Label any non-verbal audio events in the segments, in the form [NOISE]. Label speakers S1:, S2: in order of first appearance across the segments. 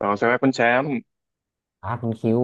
S1: อ๋อใช่ไหมคุณแชมป์
S2: ครับคุณคิว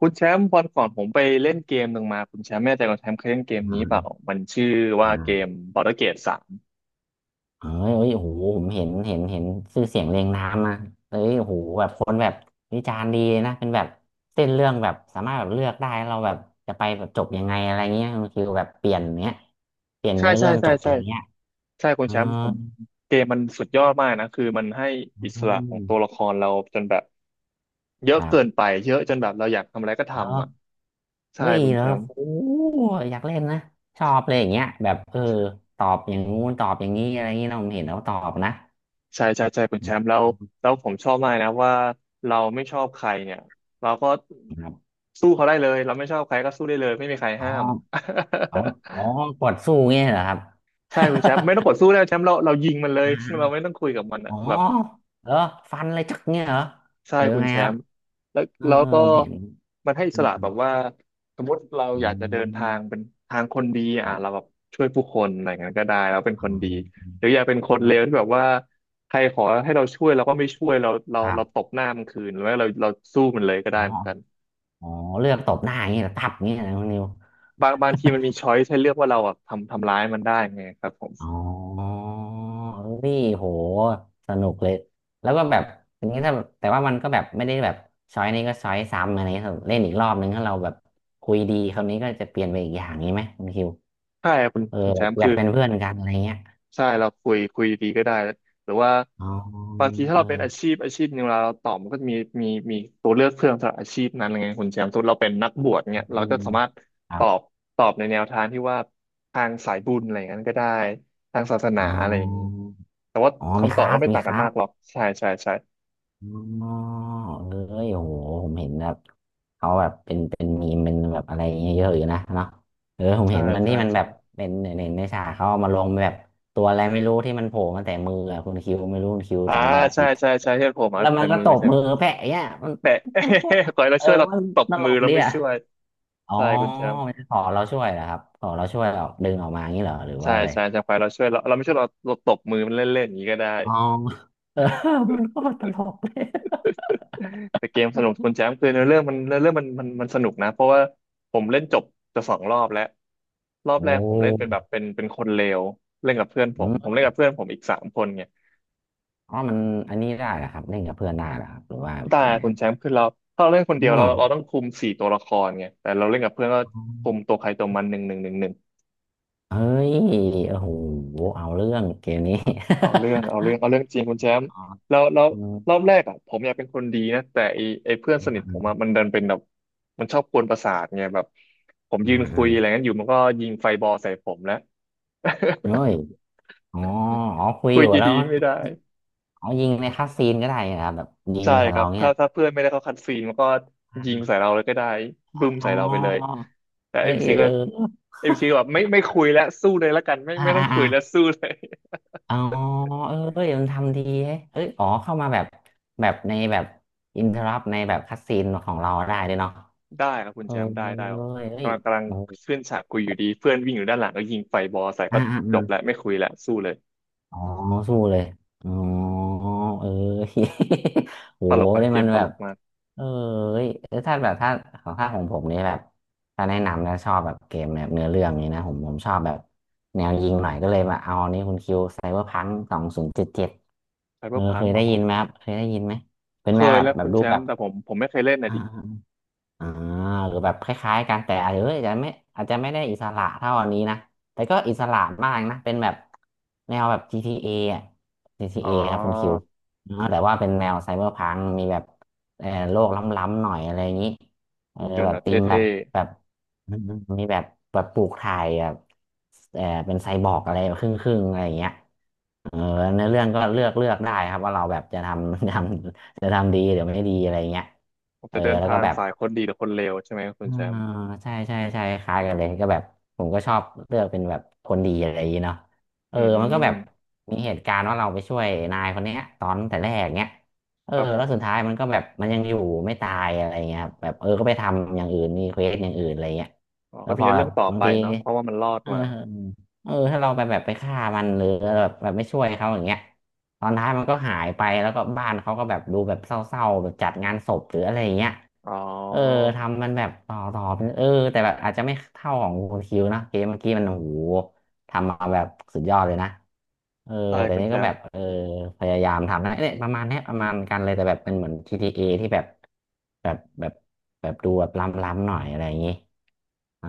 S1: คุณแชมป์วันก่อนผมไปเล่นเกมหนึ่งมาคุณแชมป์ไม่แน่ใจคุณแชมป์เคยเล่นเกมนี้
S2: อ่า
S1: เปล่ามันชื่อว่าเกม
S2: อ่า
S1: Baldur's Gate สาม
S2: เอ้ยเอ้ยโอ้โหผมเห็นชื่อเสียงเรียงนามนะเอ้ยโอ้โหแบบคนแบบวิจารณ์ดีนะเป็นแบบเส้นเรื่องแบบสามารถแบบเลือกได้เราแบบจะไปแบบจบยังไงอะไรเงี้ยคุณคิวแบบเปลี่ยนเนี้ยเปลี่ยน
S1: ใช่
S2: เนื้อ
S1: ใช่
S2: เรื่อง
S1: ใช่
S2: จบอะ
S1: ใช่
S2: ไรเงี้ย
S1: ใช่คุณ
S2: อื
S1: แชมป์ผมเกมมันสุดยอดมากนะคือมันให้อิสระของตัวละ
S2: ม
S1: ครเราจนแบบเย
S2: ค
S1: อะ
S2: รั
S1: เกิน
S2: บ
S1: ไปเยอะจนแบบเราอยากทำอะไรก็
S2: แล้
S1: ทำอ่ะ
S2: ว
S1: ใช่
S2: เฮ้ย
S1: คุณ
S2: แล้
S1: แช
S2: ว
S1: มป์
S2: โอ้โหอยากเล่นนะชอบเลยอย่างเงี้ยแบบเออตอบอย่างงู้นตอบอย่างนี้อะไรเงงี้ยเราเห็นแล้วตอบนะ
S1: ใช่ใช่ใช่คุณแชมป์แล้วผมชอบมากนะว่าเราไม่ชอบใครเนี่ยเราก็
S2: ครับ
S1: สู้เขาได้เลยเราไม่ชอบใครก็สู้ได้เลยไม่มีใคร
S2: อ๋อ
S1: ห้าม
S2: อ๋ออ๋อ
S1: [LAUGHS]
S2: กดสู้เงี้ยเหรอครับ
S1: ใช่คุ
S2: [LAUGHS]
S1: ณแชมป์ไม่ต้องกดสู้แล้วแชมป์เรายิงมันเลย
S2: อ่
S1: [LAUGHS] เราไม่
S2: า
S1: ต้องคุยกับมัน
S2: อ๋
S1: อ่ะ
S2: อ
S1: แบบ
S2: เหรอฟันเลยจักเงี้ยเหรอ
S1: ใช่
S2: หรือ
S1: คุณ
S2: ไง
S1: แช
S2: ครับ
S1: มป์แล้ว
S2: เออ
S1: แล้ว
S2: เออ
S1: ก็
S2: ผมเห็น
S1: มันให้อิ
S2: อื
S1: ส
S2: ม
S1: ระ
S2: อื
S1: แบ
S2: ม
S1: บว่าสมมติเรา
S2: อื
S1: อยากจะเดินทาง
S2: ม
S1: เป็นทางคนดี
S2: ค
S1: อ่ะ
S2: รั
S1: เรา
S2: บ
S1: แบบช่วยผู้คนอะไรอย่างนั้นก็ได้เราเป็น
S2: อื
S1: คนดีหรือ
S2: ม
S1: อยากเป็นคนเลวที่แบบว่าใครขอให้เราช่วยเราก็ไม่ช่วยเราเรา
S2: ครั
S1: เราต
S2: บ
S1: บหน้ามันคืนหรือว่าเราสู้มันเลยก็ได้
S2: อ๋อ
S1: เหมือนกัน
S2: อ๋อเลือกตบหน้าอย่างเงี้ยเหรอตับอย่างเงี้ยนะคุณนิว
S1: บางบางทีมันมีช้อยให้เลือกว่าเราอ่ะทำทำร้ายมันได้ไงครับผม
S2: อ๋อเี่โหสนุกเลยแล้วก็แบบอย่างนี้ถ้าแบบแต่ว่ามันก็แบบไม่ได้แบบช้อยนี้ก็ช้อยซ้ำอะไรเงี้ยครับเล่นอีกรอบนึงถ้าเราแบบคุยดีคราวนี้ก็จะเปลี่ยนไปอีกอย่างนี้ไหมคุณคิว
S1: ใช่ครับคุณ
S2: เออ
S1: คุณแช
S2: แบบ
S1: มป์
S2: อ
S1: คื
S2: ยาก
S1: อ
S2: เป็นเพื่อนกันอะไรเงี้ย
S1: ใช่เราคุยคุยดีก็ได้หรือว่า
S2: อ๋อ
S1: บางทีถ้า
S2: เออ
S1: เราเป็นอาชีพอาชีพหนึ่งเราตอบมันก็จะมีตัวเลือกเพิ่มสำหรับอาชีพนั้นไงคุณแชมป์สมมติเราเป็นนักบวชเนี่ยเรา
S2: อื
S1: ก็
S2: ม
S1: สามารถ
S2: ค
S1: ต
S2: รั
S1: อบ
S2: บ
S1: ตอบในแนวทางที่ว่าทางสายบุญอะไรอย่างนั้นก็ได้ทางศาสนา
S2: อ๋
S1: อะไรอย่างนี้
S2: อ
S1: แต่ว่า
S2: อ๋อมี
S1: คำ
S2: ค
S1: ตอบ
S2: ลา
S1: ก็
S2: ส
S1: ไม่
S2: มี
S1: ต่าง
S2: ค
S1: กัน
S2: ลา
S1: มา
S2: ส
S1: กหรอกใช่ใช่ใช่
S2: อ๋อเอ้ยโอ้โหผมเห็นแบบเขาแบบเป็นมีมเป็นแบบอะไรเงี้ยเยอะอยู่นะเนาะเออผม
S1: ใช่
S2: เห็นมัน
S1: ใช่
S2: ที่มันแบ
S1: ใช่
S2: บเป็นเห็นในฉากเขาเอามาลงแบบตัวอะไรไม่รู้ที่มันโผล่มาแต่มืออะคุณคิวไม่รู้คุณคิว
S1: อ่า
S2: จำได้
S1: ใช่ใช่ใช่ที่ผมอ่ะ
S2: แล้วมั
S1: แต่
S2: นก็
S1: มือ
S2: ตบ
S1: ใช่ไหม
S2: มือแพะอย่างเงี้ยมัน
S1: แต่
S2: มันโคตร
S1: [LAUGHS] ก่อนเรา
S2: เออ
S1: ช่วยเรา
S2: มัน
S1: ตบ
S2: ตล
S1: มือ
S2: ก
S1: เรา
S2: ดี
S1: ไม่
S2: อะ
S1: ช่วย
S2: อ๋อ
S1: ใช่คุณแชมป์
S2: ไมันขอเราช่วยนะครับขอเราช่วยออกดึงออกมาอย่างนี้เหรอหรือ
S1: ใช่
S2: ว่าอะไร
S1: ใช่ใช่ควายเราช่วยเราไม่ช่วยเราตบมือมันเล่นๆอย่างนี้ก็ได้
S2: อ๋อเออ [LAUGHS] มันก็ตลกเลย
S1: แต่เกมสนุกคุณแจมป์คือเนื้อเรื่องมันเนื้อเรื่องมันสนุกนะเพราะว่าผมเล่นจบจะสองรอบแล้วรอบ
S2: โอ
S1: แรกผมเล่นเป็น
S2: ้
S1: แบบเป็นคนเลวเล่นกับเพื่อนผ
S2: อื
S1: มผม
S2: ม
S1: เล่นกับเพื่อนผมอีกสามคนไง
S2: อ๋อมันอันนี้ได้เหรอครับเล่นกับเพื่อนได้เหรอครับหรือว่า
S1: แต่
S2: ยังไง
S1: คุณแชมป์คือเราถ้าเราเล่นคน
S2: อื
S1: เดียวเรา
S2: ม
S1: ต้องคุมสี่ตัวละครไงแต่เราเล่นกับเพื่อนก็คุมตัวใครตัวมันหนึ่งหนึ่งหนึ่ง
S2: เฮ้ยโอ้โหเอาเรื่องเกมนี้
S1: เอาเรื่อง
S2: [LAUGHS]
S1: เอาเรื่องเอาเรื่องจริงคุณแชมป์
S2: อ๋อ
S1: แล้วแล้ว
S2: อืม
S1: รอบแรกอ่ะผมอยากเป็นคนดีนะแต่ไอเพื่อนสนิ
S2: อื
S1: ทผมอ่ะมันดันเป็นแบบมันชอบกวนประสาทไงแบบผม
S2: มอื
S1: ยืนคุยอะไร
S2: ม
S1: งั้นอยู่มันก็ยิงไฟบอลใส่ผมแล้ว
S2: เฮ้ยอ๋ออ๋อคุ
S1: [LAUGHS]
S2: ย
S1: คุ
S2: อ
S1: ย
S2: ยู่แล้ว
S1: ดี
S2: มั
S1: ๆ
S2: น
S1: ไม่ได้
S2: เอยิงในคัสซีนก็ได้นะครับแบบยิง
S1: ใช่
S2: ใส่
S1: ครั
S2: เรา
S1: บ
S2: เนี่
S1: ถ้า
S2: ย
S1: ถ้าเพื่อนไม่ได้เข้าคัดซีนมันก็ยิง
S2: อ
S1: ใส่เราเลยก็ได้บึ้ม
S2: อ๋อ
S1: ใส่เราไปเลยแต่
S2: เออ
S1: เอ็มซีก็
S2: เออ
S1: เอ็มซีแบบไม่คุยแล้วสู้เลยละกันไม่
S2: อ่า
S1: ไม่ต้อ
S2: อ่า
S1: งคุ
S2: อ่า
S1: ยแล้วสู้เลย
S2: อ๋อเออเอ้ยมันทำดีเฮ้ยเอ้ยอ๋อเข้ามาแบบแบบในแบบอินเทอรัในแบบคัสซีนของเราได้ด้วยเนาะ
S1: ได้ครับคุ
S2: เอ
S1: ณ
S2: อ
S1: แชมป์ได้ได้ครั
S2: เอ้
S1: บ
S2: ยเอ้ย
S1: กำลัง
S2: โอ้
S1: ขึ้นฉากคุยอยู่ดีเพื่อนวิ่งอยู่ด้านหลังก็ยิงไฟบอลใส่
S2: อ่า
S1: ก็
S2: อ่า
S1: จบแล้วไม่คุยแล้วสู้เลย
S2: อ๋อสู้เลยอ๋อเออ [LAUGHS] โห
S1: ตลกนะ
S2: ได้
S1: เก
S2: มั
S1: ม
S2: น
S1: ต
S2: แบ
S1: ล
S2: บ
S1: กมาก
S2: เออเอ้ยเอ้ยถ้าแบบถ้าของถ้าของผมนี่แบบถ้าแนะนำแล้วชอบแบบเกมแบบเนื้อเรื่องนี้นะผมชอบแบบแนวยิงหน่อยก็เลยมาเอาอันนี้คุณคิวไซเบอร์พัง2077
S1: ไซเบ
S2: เอ
S1: อ
S2: อ
S1: ร์พั
S2: เค
S1: ง
S2: ย
S1: หร
S2: ได้
S1: อ
S2: ยินไหมครับเคยได้ยินไหมเป็น
S1: เค
S2: แนว
S1: ย
S2: แบบ
S1: แล้ว
S2: แบ
S1: คุ
S2: บ
S1: ณ
S2: รู
S1: แช
S2: ปแบ
S1: มป์
S2: บ
S1: แต่ผมไม่เคยเล่นนะ
S2: อ่า
S1: ดิ
S2: อ่าหรือแบบคล้ายๆกันแต่อาจจะเอยอาจจะไม่อาจจะไม่ได้อิสระเท่าอันนี้นะแต่ก็อิสระมากนะเป็นแบบแนวแบบ GTA ออะ t
S1: อ๋อ
S2: a ครับคุณคิวเนาะแต่ว่าเป็นแนวไซเบอร์พังมีแบบเออโลกล้ำๆหน่อยอะไรอย่างนี้เออ
S1: หุ่นยน
S2: แบ
S1: ต์
S2: บ
S1: แบบเ
S2: ธีมแบบ
S1: ท่
S2: แบบอืมมีแบบแบบปลูกถ่ายแบบเออเป็นไซบอร์กอะไรครึ่งๆอะไรอย่างเงี้ยเออเนื้อเรื่องก็เลือกเลือกได้ครับว่าเราแบบจะทำ [LAUGHS] จะทำดีหรือไม่ดีอะไรเงี้ย
S1: ๆผม
S2: เออ
S1: จะเดิน
S2: แล้วก็
S1: ทาง
S2: แบบ
S1: สายคนดีหรือคนเลวใช่ไหมครับคุณ
S2: อ่า
S1: แชมป์
S2: ใช่ใช่ใช่คล้ายกันเลยก็แบบผมก็ชอบเลือกเป็นแบบคนดีอะไรอย่างงี้เนาะเอ
S1: อื
S2: อมันก็แบบ
S1: ม
S2: มีเหตุการณ์ว่าเราไปช่วยนายคนเนี้ยตอนแต่แรกเนี้ยเออ
S1: ครับผ
S2: แล้วสุด
S1: ม
S2: ท้ายมันก็แบบมันยังอยู่ไม่ตายอะไรเงี้ยครับแบบเออก็ไปทำอย่างอื่นมีเควสอย่างอื่นอะไรเงี้ย
S1: อ๋อ
S2: แล้
S1: ก็
S2: วพ
S1: มี
S2: อแบ
S1: เรื่อ
S2: บ
S1: งต่อ
S2: บาง
S1: ไป
S2: ที
S1: เนาะเพราะว่ามันรอด
S2: เออ
S1: มา
S2: เออเออถ้าเราไปแบบไปฆ่ามันหรือแบบไม่ช่วยเขาอย่างเงี้ยตอนท้ายมันก็หายไปแล้วก็บ้านเขาก็แบบดูแบบเศร้าๆแบบจัดงานศพหรืออะไรอย่างเงี้ย
S1: อ๋อ
S2: เออทำมันแบบต่อเป็นเออแต่แบบอาจจะไม่เท่าของคุณคิวนะเกมเมื่อกี้มันโอ้โหทำมาแบบสุดยอดเลยนะเออ
S1: ใช่
S2: แต่
S1: คุณ
S2: นี่
S1: แช
S2: ก็
S1: ม
S2: แบ
S1: ป์
S2: บเออพยายามทำนะเนี่ยประมาณเนี้ยประมาณกันเลยแต่แบบเป็นเหมือนจี t อที่แบบแบบแบบแบบดูแบบล้ำๆหน่อยอะไรอย่างงี้เออ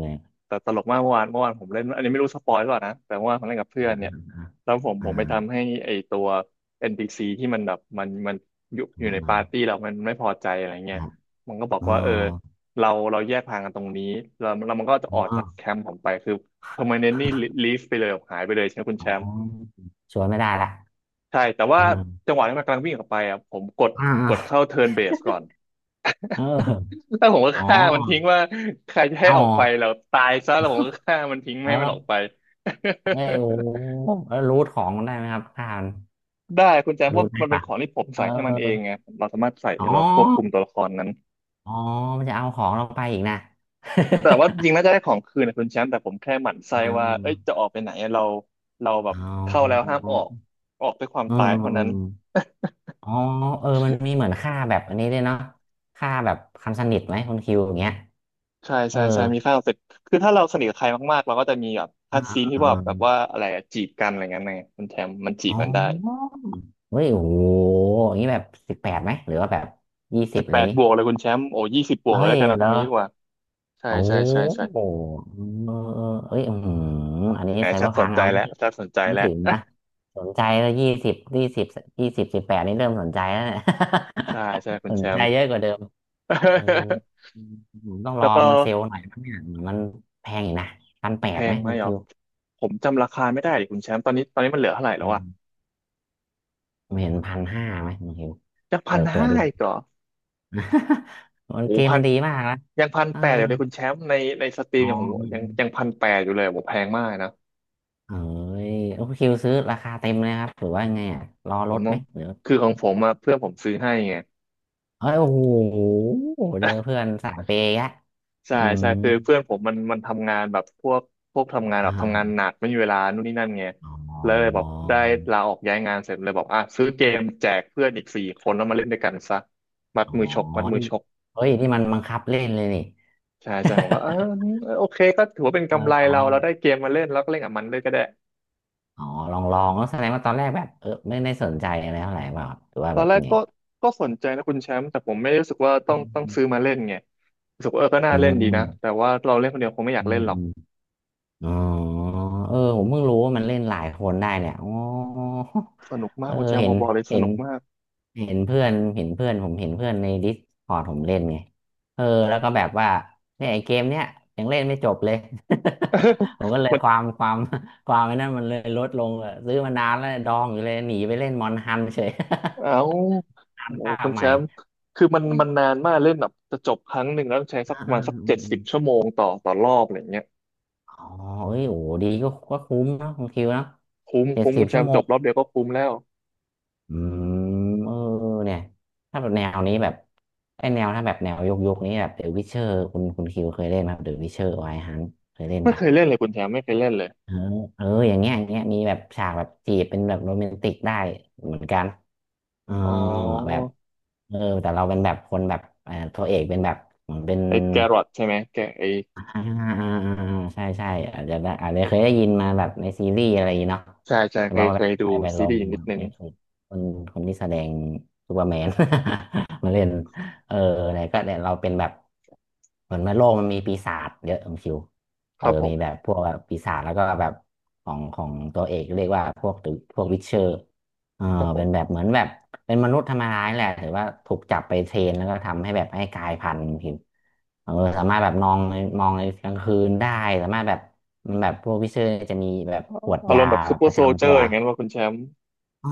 S2: เนี
S1: แต่ตลกมากเมื่อวานเมื่อวานผมเล่นอันนี้ไม่รู้สปอยหรือเปล่านะแต่เมื่อวานผมเล่นกับเพื่อนเนี่ย
S2: ่ย
S1: แล้วผม
S2: อ่า
S1: ผมไปทำให้ไอตัว NPC ที่มันแบบมันอยู่
S2: อ่า
S1: ใน
S2: อ่า
S1: ปาร์ตี้เรามันไม่พอใจอะไร
S2: ค
S1: เงี้ย
S2: รับ
S1: มันก็บอก
S2: เออ
S1: ว่าเออเราแยกทางกันตรงนี้แล้วแล้วมันก็จะออก
S2: อ๋อ
S1: จากแคมป์ผมไปคือ permanently leave ไปเลยหายไปเลยใช่ไหมคุณ
S2: อ๋
S1: แชมป์
S2: อชวนไม่ได้ละ
S1: ใช่แต่ว่า
S2: อ่า
S1: จังหวะที่มันกำลังวิ่งออกไปอ่ะผมกด
S2: อ่า
S1: กด
S2: อ่า
S1: เข้าเทิร์นเบสก่อน
S2: เออ
S1: แล้วผมก็
S2: อ๋อ
S1: ฆ่ามันทิ้งว่าใครจะให้
S2: เอา
S1: ออกไปแล้วตายซะแล้วผมก็ฆ่ามันทิ้งไม่
S2: เอ
S1: ให้มันออก
S2: อ
S1: ไป
S2: ไม่
S1: [LAUGHS]
S2: โอ้แล้วรูทของมันได้ไหมครับอ่าน
S1: ได้คุณแจมเพ
S2: รู
S1: ราะ
S2: ทได้
S1: มันเป็น
S2: ปะ
S1: ของที่ผม
S2: เออ
S1: ใส่ให้มันเองไงเราสามารถใส่
S2: อ๋อ
S1: เราควบคุมตัวละครนั้น
S2: อ๋อมันจะเอาของเราไปอีกนะ
S1: แต่ว่าจริงน่าจะได้ของคืนนะคุณแชมป์แต่ผมแค่หมั่น
S2: [LAUGHS] อ่
S1: ไส้ว่าเอ้ย
S2: า
S1: จะออกไปไหนอะเราเราแบบ
S2: เอ
S1: เข้าแล้
S2: า
S1: วห้ามออกออกด้วยความ
S2: เออ
S1: ตาย
S2: เออ
S1: เท่า
S2: เอ
S1: นั้น
S2: ออ๋อเออมันมีเหมือนค่าแบบอันนี้ด้วยเนาะค่าแบบคำสนิทไหมคุณคิวอย่างเงี้ย
S1: [LAUGHS] ใช่
S2: เอ
S1: ใช่ใช่มี
S2: อ
S1: ค่าเสร็จคือถ้าเราสนิทกับใครมากๆเราก็จะมีแบบคั
S2: อ่
S1: ดซีนที่ว่าแบบ
S2: า
S1: ว่าอะไรอะจีบกันอะไรเงี้ยไงคุณแชมป์มันจี
S2: อ๋
S1: บ
S2: อ
S1: กันได้
S2: เฮ้ยโอ้โหอย่างนี้แบบสิบแปดไหมหรือว่าแบบยี่สิ
S1: สิ
S2: บ
S1: บ
S2: อะไร
S1: แป
S2: อย่า
S1: ด
S2: งงี้
S1: บวกเลยคุณแชมป์โอ้20บวกเล
S2: เฮ้
S1: ย
S2: ย
S1: แล้วกันเอา
S2: เหร
S1: คำ
S2: อ
S1: นี้ดีกว่าใช่
S2: โอ้โ
S1: ใช่ใช่ใช่
S2: หเออเออเอ้ยอืมอันนี้
S1: แหม
S2: ไซเบ
S1: ชั
S2: อ
S1: ด
S2: ร์
S1: ส
S2: พั
S1: น
S2: ง
S1: ใจ
S2: เอาไม่
S1: แล้ว
S2: ถึง
S1: ชัดสนใจ
S2: ไม่
S1: แล้ว
S2: ถึงนะสนใจแล้ว20 20 20 18นี่เริ่มสนใจแล้วเนี่ย
S1: ใช่ใช่คุ
S2: [LAUGHS]
S1: ณ
S2: ส
S1: แช
S2: นใจ
S1: มป์
S2: เยอะกว่าเดิมเออ
S1: [LAUGHS]
S2: อืมผมต้องร
S1: แล้
S2: อ
S1: วก็
S2: มันเซลล์หน่อยนังเนี่ยเหมือนมันแพงอยู่นะพันแป
S1: แพ
S2: ดไหม
S1: งไหม
S2: คุณ
S1: อ๋อ
S2: คิว
S1: ผมจำราคาไม่ได้ดิคุณแชมป์ตอนนี้มันเหลือเท่าไหร่แล้
S2: อื
S1: ว
S2: ม
S1: อะ
S2: ผมเห็น1,500ไหมคุณคิว
S1: จากพั
S2: เปิ
S1: น
S2: ดเปิด
S1: ห้า
S2: ดู
S1: อีกเหรอ
S2: [LAUGHS] โอ้ย
S1: โอ้
S2: เกม
S1: พั
S2: มั
S1: น
S2: นดีมากนะ
S1: ยังพัน
S2: เออ
S1: แปดอยู่เลยคุณแชมป์ในในสตรี
S2: อ๋
S1: ม
S2: อ
S1: อย่างผม
S2: อื
S1: ยั
S2: ม
S1: งยังพันแปดอยู่เลยผมแพงมากนะ
S2: ๆเอ้ยโอคิวซื้อราคาเต็มเลยครับหรือว่าไงอ่ะรอ
S1: ผ
S2: ล
S1: ม
S2: ด
S1: ต้อ
S2: ไหม
S1: ง
S2: หรือ
S1: คือของผมอะเพื่อนผมซื้อให้ไง
S2: เอ้ย โอ้โหเจอเพื่อนสายเปย์อะอื
S1: ใช่
S2: ม
S1: ใช่คือเพื่อนผมมันทำงานแบบพวกพวกทำงาน
S2: [LAUGHS]
S1: แบบทำงาน
S2: อ่า
S1: หนักไม่มีเวลานู่นนี่นั่นไง
S2: อ๋
S1: แล้วเลยแบ
S2: อ
S1: บได้ลาออกย้ายงานเสร็จเลยบอกอ่ะซื้อเกมแจกเพื่อนอีก4 คนแล้วมาเล่นด้วยกันซะมัด
S2: อ๋อ
S1: มือชก
S2: อ๋อ
S1: มัดมื
S2: นี่
S1: อชก
S2: เฮ้ยนี่มันบังคับเล่นเลยนี่ [LAUGHS]
S1: ใช่ใช่ผมก็เออเออโอเคก็ถือว่าเป็น
S2: เออ
S1: กำไร
S2: อ๋อ
S1: เราเราได้เกมมาเล่นแล้วก็เล่นกับมันเลยก็ได้
S2: อ๋อลองลองแล้วแสดงว่าตอนแรกแบบเออไม่ได้สนใจอะไรเท่าไหร่เปล่าหรือว่า
S1: ตอ
S2: แบ
S1: น
S2: บ
S1: แรก
S2: ไง
S1: ก็ก็สนใจนะคุณแชมป์แต่ผมไม่ได้รู้สึกว่าต้อง
S2: อื
S1: ซื้อ
S2: ม
S1: มาเล่นไงรู้สึกว่าเออก็น่า
S2: อื
S1: เล่นดีนะแต่
S2: ม
S1: ว่าเราเล่นคนเดียวคงไม่อยา
S2: อื
S1: กเล่นหรอก
S2: ม อ๋อเออผมเพิ่งรู้ว่ามันเล่นหลายคนได้เนี่ยอ๋อ
S1: สนุกมา
S2: เอ
S1: ก
S2: อ
S1: คุณแชมป์
S2: เห็
S1: พอ
S2: น
S1: บอกเลยส
S2: เห็น
S1: นุกมาก
S2: เห็นเพื่อนเห็นเพื่อนผมเห็นเพื่อนในดิสคอร์ดผมเล่นไงเออแล้วก็แบบว่าเนี่ยไอ้เกมเนี้ยยังเล่นไม่จบเลย [LAUGHS] ผมก็เลยควา
S1: [LAUGHS]
S2: มความไอ้นั่นมันเลยลดลงเลยซื้อมานานแล้วดองอยู่เลยหนีไปเล่นมอนฮันเฉย
S1: เอา
S2: [LAUGHS] ฮั
S1: โอ้
S2: น
S1: โห
S2: ภา
S1: คุ
S2: ค
S1: ณ
S2: ให
S1: แช
S2: ม่
S1: มป์คือมันนานมากเล่นแบบจะจบครั้งหนึ่งแล้วต้องใช้สั
S2: อ่า
S1: กประ
S2: อ่า
S1: มาณสัก
S2: อื
S1: เจ็
S2: ม
S1: ด
S2: อ
S1: สิบ
S2: ม
S1: ชั่วโมงต่อรอบอะไรเงี้ย
S2: อ๋อเอ้ยโอ้ดีก็ก็คุ้มเนาะคุณคิวเนาะ
S1: คุ้ม
S2: เจ็ด
S1: คุ้ม
S2: สิ
S1: คุ
S2: บ
S1: ณแช
S2: ชั่
S1: ม
S2: ว
S1: ป์
S2: โม
S1: จบรอบเดียวก็คุ้มแล้ว
S2: อืมเออเนี่ยถ้าแบบแนวนี้แบบไอ้แนวถ้าแบบแนวยกยกนี้แบบเดอะวิเชอร์คุณคิวเคยเล่นไหมเดอะวิเชอร์ไวฮันเคยเล่น
S1: ไม่เค
S2: ปะ
S1: ยเล่นเลยคุณแชมป์ไม่เคยเล่นเลย
S2: เออเอออย่างเงี้ยอย่างเงี้ยมีแบบฉากแบบจีบเป็นแบบโรแมนติกได้เหมือนกันเออ
S1: อ๋
S2: แบบ
S1: อ
S2: เออแต่เราเป็นแบบคนแบบเออตัวเอกเป็นแบบเหมือนเป็น
S1: ไอ้แกรอทใช่ไหมแกไอ้
S2: อ่าอ่าอ่าอ่าใช่ใช่อาจจะได้อาจจะเคยได้ยินมาแบบในซีรีส์อะไรอย่างงี้เนาะ
S1: ใช่ใช่
S2: แต่
S1: เค
S2: ว่า
S1: ยเค
S2: ไป
S1: ยดู
S2: ไปไป
S1: ซี
S2: ลอ
S1: รี
S2: ง
S1: ส์อยนิดนึ
S2: เน
S1: ง
S2: ถตกคนคนที่แสดงซูเปอร์แมน [LAUGHS] มาเล่นเอออะไรก็เนี่ยเราเป็นแบบเหมือนว่าโลกมันมีปีศาจเยอะคุณคิว
S1: ค
S2: เออ
S1: รับผ
S2: มี
S1: ม
S2: แบบพวกแบบปีศาจแล้วก็แบบของตัวเอกเรียกว่าพวกพวกวิชเชอร์เออ
S1: ครับผ
S2: เป็นแบบ
S1: ม
S2: เหมือนแบบ เป็นมนุษย์ธรรมดานี่แหละถือว่าถูกจับไปเทรนแล้วก็ทำให้แบบให้กลายพันธุ์ผิวเออสามารถแบบนองในมองในกลางคืนได้สามารถแบบมันแบบพวกวิเชอร์จะมีแบบ
S1: อ๋อ
S2: ขวด
S1: อาร
S2: ยา
S1: มณ์แบบซู
S2: แบบ
S1: เปอ
S2: ป
S1: ร์
S2: ระ
S1: โซล
S2: จำ
S1: เจอ
S2: ตัว
S1: ร์อย่างนั้นว่าคุณแชมป์
S2: อ๋อ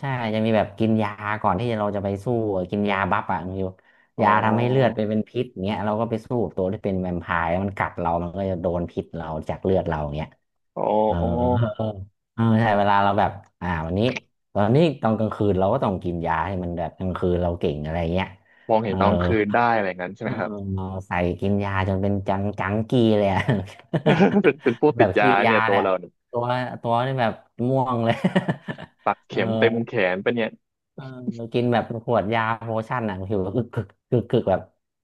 S2: ใช่จะมีแบบกินยาก่อนที่เราจะไปสู้อะกินยาบัฟอ่ะคณฟิว
S1: อ๋อ
S2: ยาทำให้เลือดไปเป็นพิษเงี้ยเราก็ไปสู้กับตัวที่เป็นแวมไพร์แล้วมันกัดเรามันก็จะโดนพิษเราจากเลือดเราเงี้ย
S1: อ๋อ
S2: เออ
S1: อ๋อ
S2: เออเออใช่เวลาเราแบบอ่าวันนี้ตอนนี้ตอนกลางคืนเราก็ต้องกินยาให้มันแบบกลางคืนเราเก่งอะไรเงี้ย
S1: มอง
S2: เอ
S1: เห็
S2: อ
S1: นตอนคืนได้อะไรอย่างนั้นใช่
S2: เอ
S1: ไหม
S2: อ
S1: ครับ
S2: ใส่กินยาจนเป็นจังจังกีเลยอะ
S1: [LAUGHS] เป็นผู้
S2: [LAUGHS] แบ
S1: ติด
S2: บ
S1: ยา
S2: ขี้ยา
S1: เนี่ยตั
S2: แห
S1: ว
S2: ละ
S1: เราเนี่ย
S2: ตัวตัวนี่แบบม่วงเลย
S1: ปัก
S2: [LAUGHS] เออ
S1: เข็มเต็มแขนปะเนี่ย
S2: เออกินแบบขวดยาโพชั่นอ่ะผิวกึกึกกึกกึกแบบ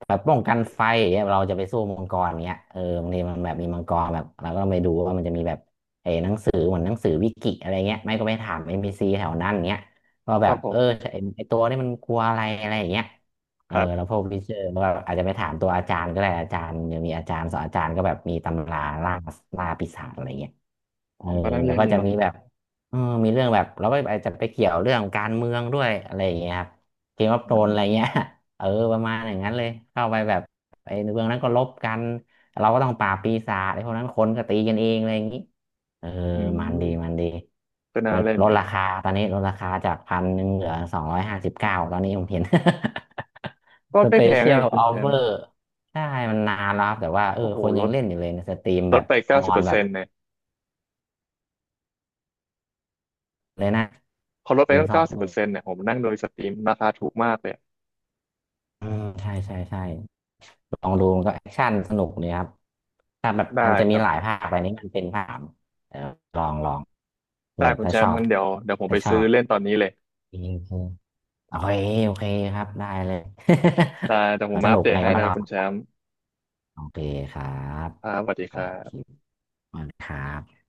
S2: แบบป้องกันไฟอย่างเงี้ยเราจะไปสู้มังกรเงี้ยเออบางทีมันแบบมีมังกรแบบเราก็ต้องไปดูว่ามันจะมีแบบเออหนังสือเหมือนหนังสือวิกิอะไรเงี้ยไม่ก็ไปถามเอ็มพีซีแถวนั้นเงี้ยก็
S1: ค
S2: แบ
S1: รับ
S2: บ
S1: ผ
S2: เอ
S1: ม
S2: อไอ้ไอตัวนี่มันกลัวอะไรอะไรอย่างเงี้ยเอ
S1: ค
S2: อ
S1: รั
S2: แล้ว
S1: บ
S2: พวกวิเชอร์ก็อาจจะไปถามตัวอาจารย์ก็ได้อาจารย์ยังมีอาจารย์สอนอาจารย์ก็แบบมีตำราล่าล่าปีศาจอะไรเงี้ยเอ
S1: ผ
S2: อ
S1: มก็นั่ง
S2: แล้
S1: เล่
S2: ว
S1: น
S2: ก็
S1: นี่
S2: จะ
S1: เนาะ
S2: มีแบบ เออมีเรื่องแบบเราไปอาจจะไปเกี่ยวเรื่องการเมืองด้วยอะไรอย่างเงี้ยครับเกมออฟ
S1: อื
S2: โธรนอะไรเงี้ย
S1: ม
S2: [LAUGHS] เออประมาณอย่างนั้นเลยเข้าไปแบบไอ้เมืองนั้นก็ลบกันเราก็ต้องปราบปีศาจไอ้พวกนั้นคนก็ตีกันเองอะไรอย่างงี้เออ
S1: อื
S2: มันดีมัน
S1: ม
S2: ดี
S1: ก็น่า
S2: แบบ
S1: เล่น
S2: ล
S1: อ
S2: ด
S1: ยู่
S2: รา
S1: นะ
S2: คาตอนนี้ลดราคาจาก1,100เหลือ259ตอนนี้ผมเห็น
S1: ก็
S2: [LAUGHS] ส
S1: ไม่
S2: เป
S1: แพง
S2: เชีย
S1: เล
S2: ล
S1: ยคุ
S2: อ
S1: ณ
S2: อ
S1: แช
S2: ฟเฟ
S1: ม
S2: อ
S1: ป์
S2: ร์ใช่มันนานแล้วครับแต่ว่าเออ
S1: โอ้โห
S2: คน
S1: ล
S2: ยัง
S1: ด
S2: เล่นอยู่เลยในสตรีม
S1: ล
S2: แบ
S1: ด
S2: บ
S1: ไป
S2: อ
S1: เก้า
S2: อ
S1: สิบ
S2: น
S1: เปอร์
S2: แบ
S1: เซ็
S2: บ
S1: นต์เนี่ย
S2: เลยนะ
S1: พอลด
S2: ห
S1: ไป
S2: มื่น
S1: ตั้ง
S2: สอ
S1: เก้า
S2: ง
S1: สิบเปอร์เซ็นต์เนี่ยผมนั่งโดยสตรีมราคาถูกมากเลย
S2: อืมใช่ใช่ใช่ลองดูมันก็แอคชั่นสนุกดีครับถ้าแบบ
S1: ได้
S2: อันจะ
S1: ค
S2: มี
S1: รับ
S2: หลา
S1: ผ
S2: ยภาค
S1: ม
S2: ไปนี้มันเป็นภาคเออลองลองแบ
S1: ได้
S2: บ
S1: คุณ
S2: ถ้า
S1: แช
S2: ช
S1: ม
S2: อ
S1: ป์
S2: บ
S1: งั้นเดี๋ยวผมไป
S2: ถ้าชอ
S1: ซื้อ
S2: บ
S1: เล่นตอนนี้เลย
S2: โอเคโอเคโอเคครับได้เลย
S1: ได้เดี๋ยวผม
S2: [LAUGHS] ส
S1: มาอั
S2: นุ
S1: ป
S2: ก
S1: เดต
S2: ไง
S1: ให้
S2: ก็มา
S1: นะครับ
S2: เล่า
S1: คุณแชมป์
S2: โอเคครับ
S1: ครับสวัสดี
S2: ค
S1: ค
S2: รั
S1: รั
S2: บคิว
S1: บ
S2: ขอบคุณครับ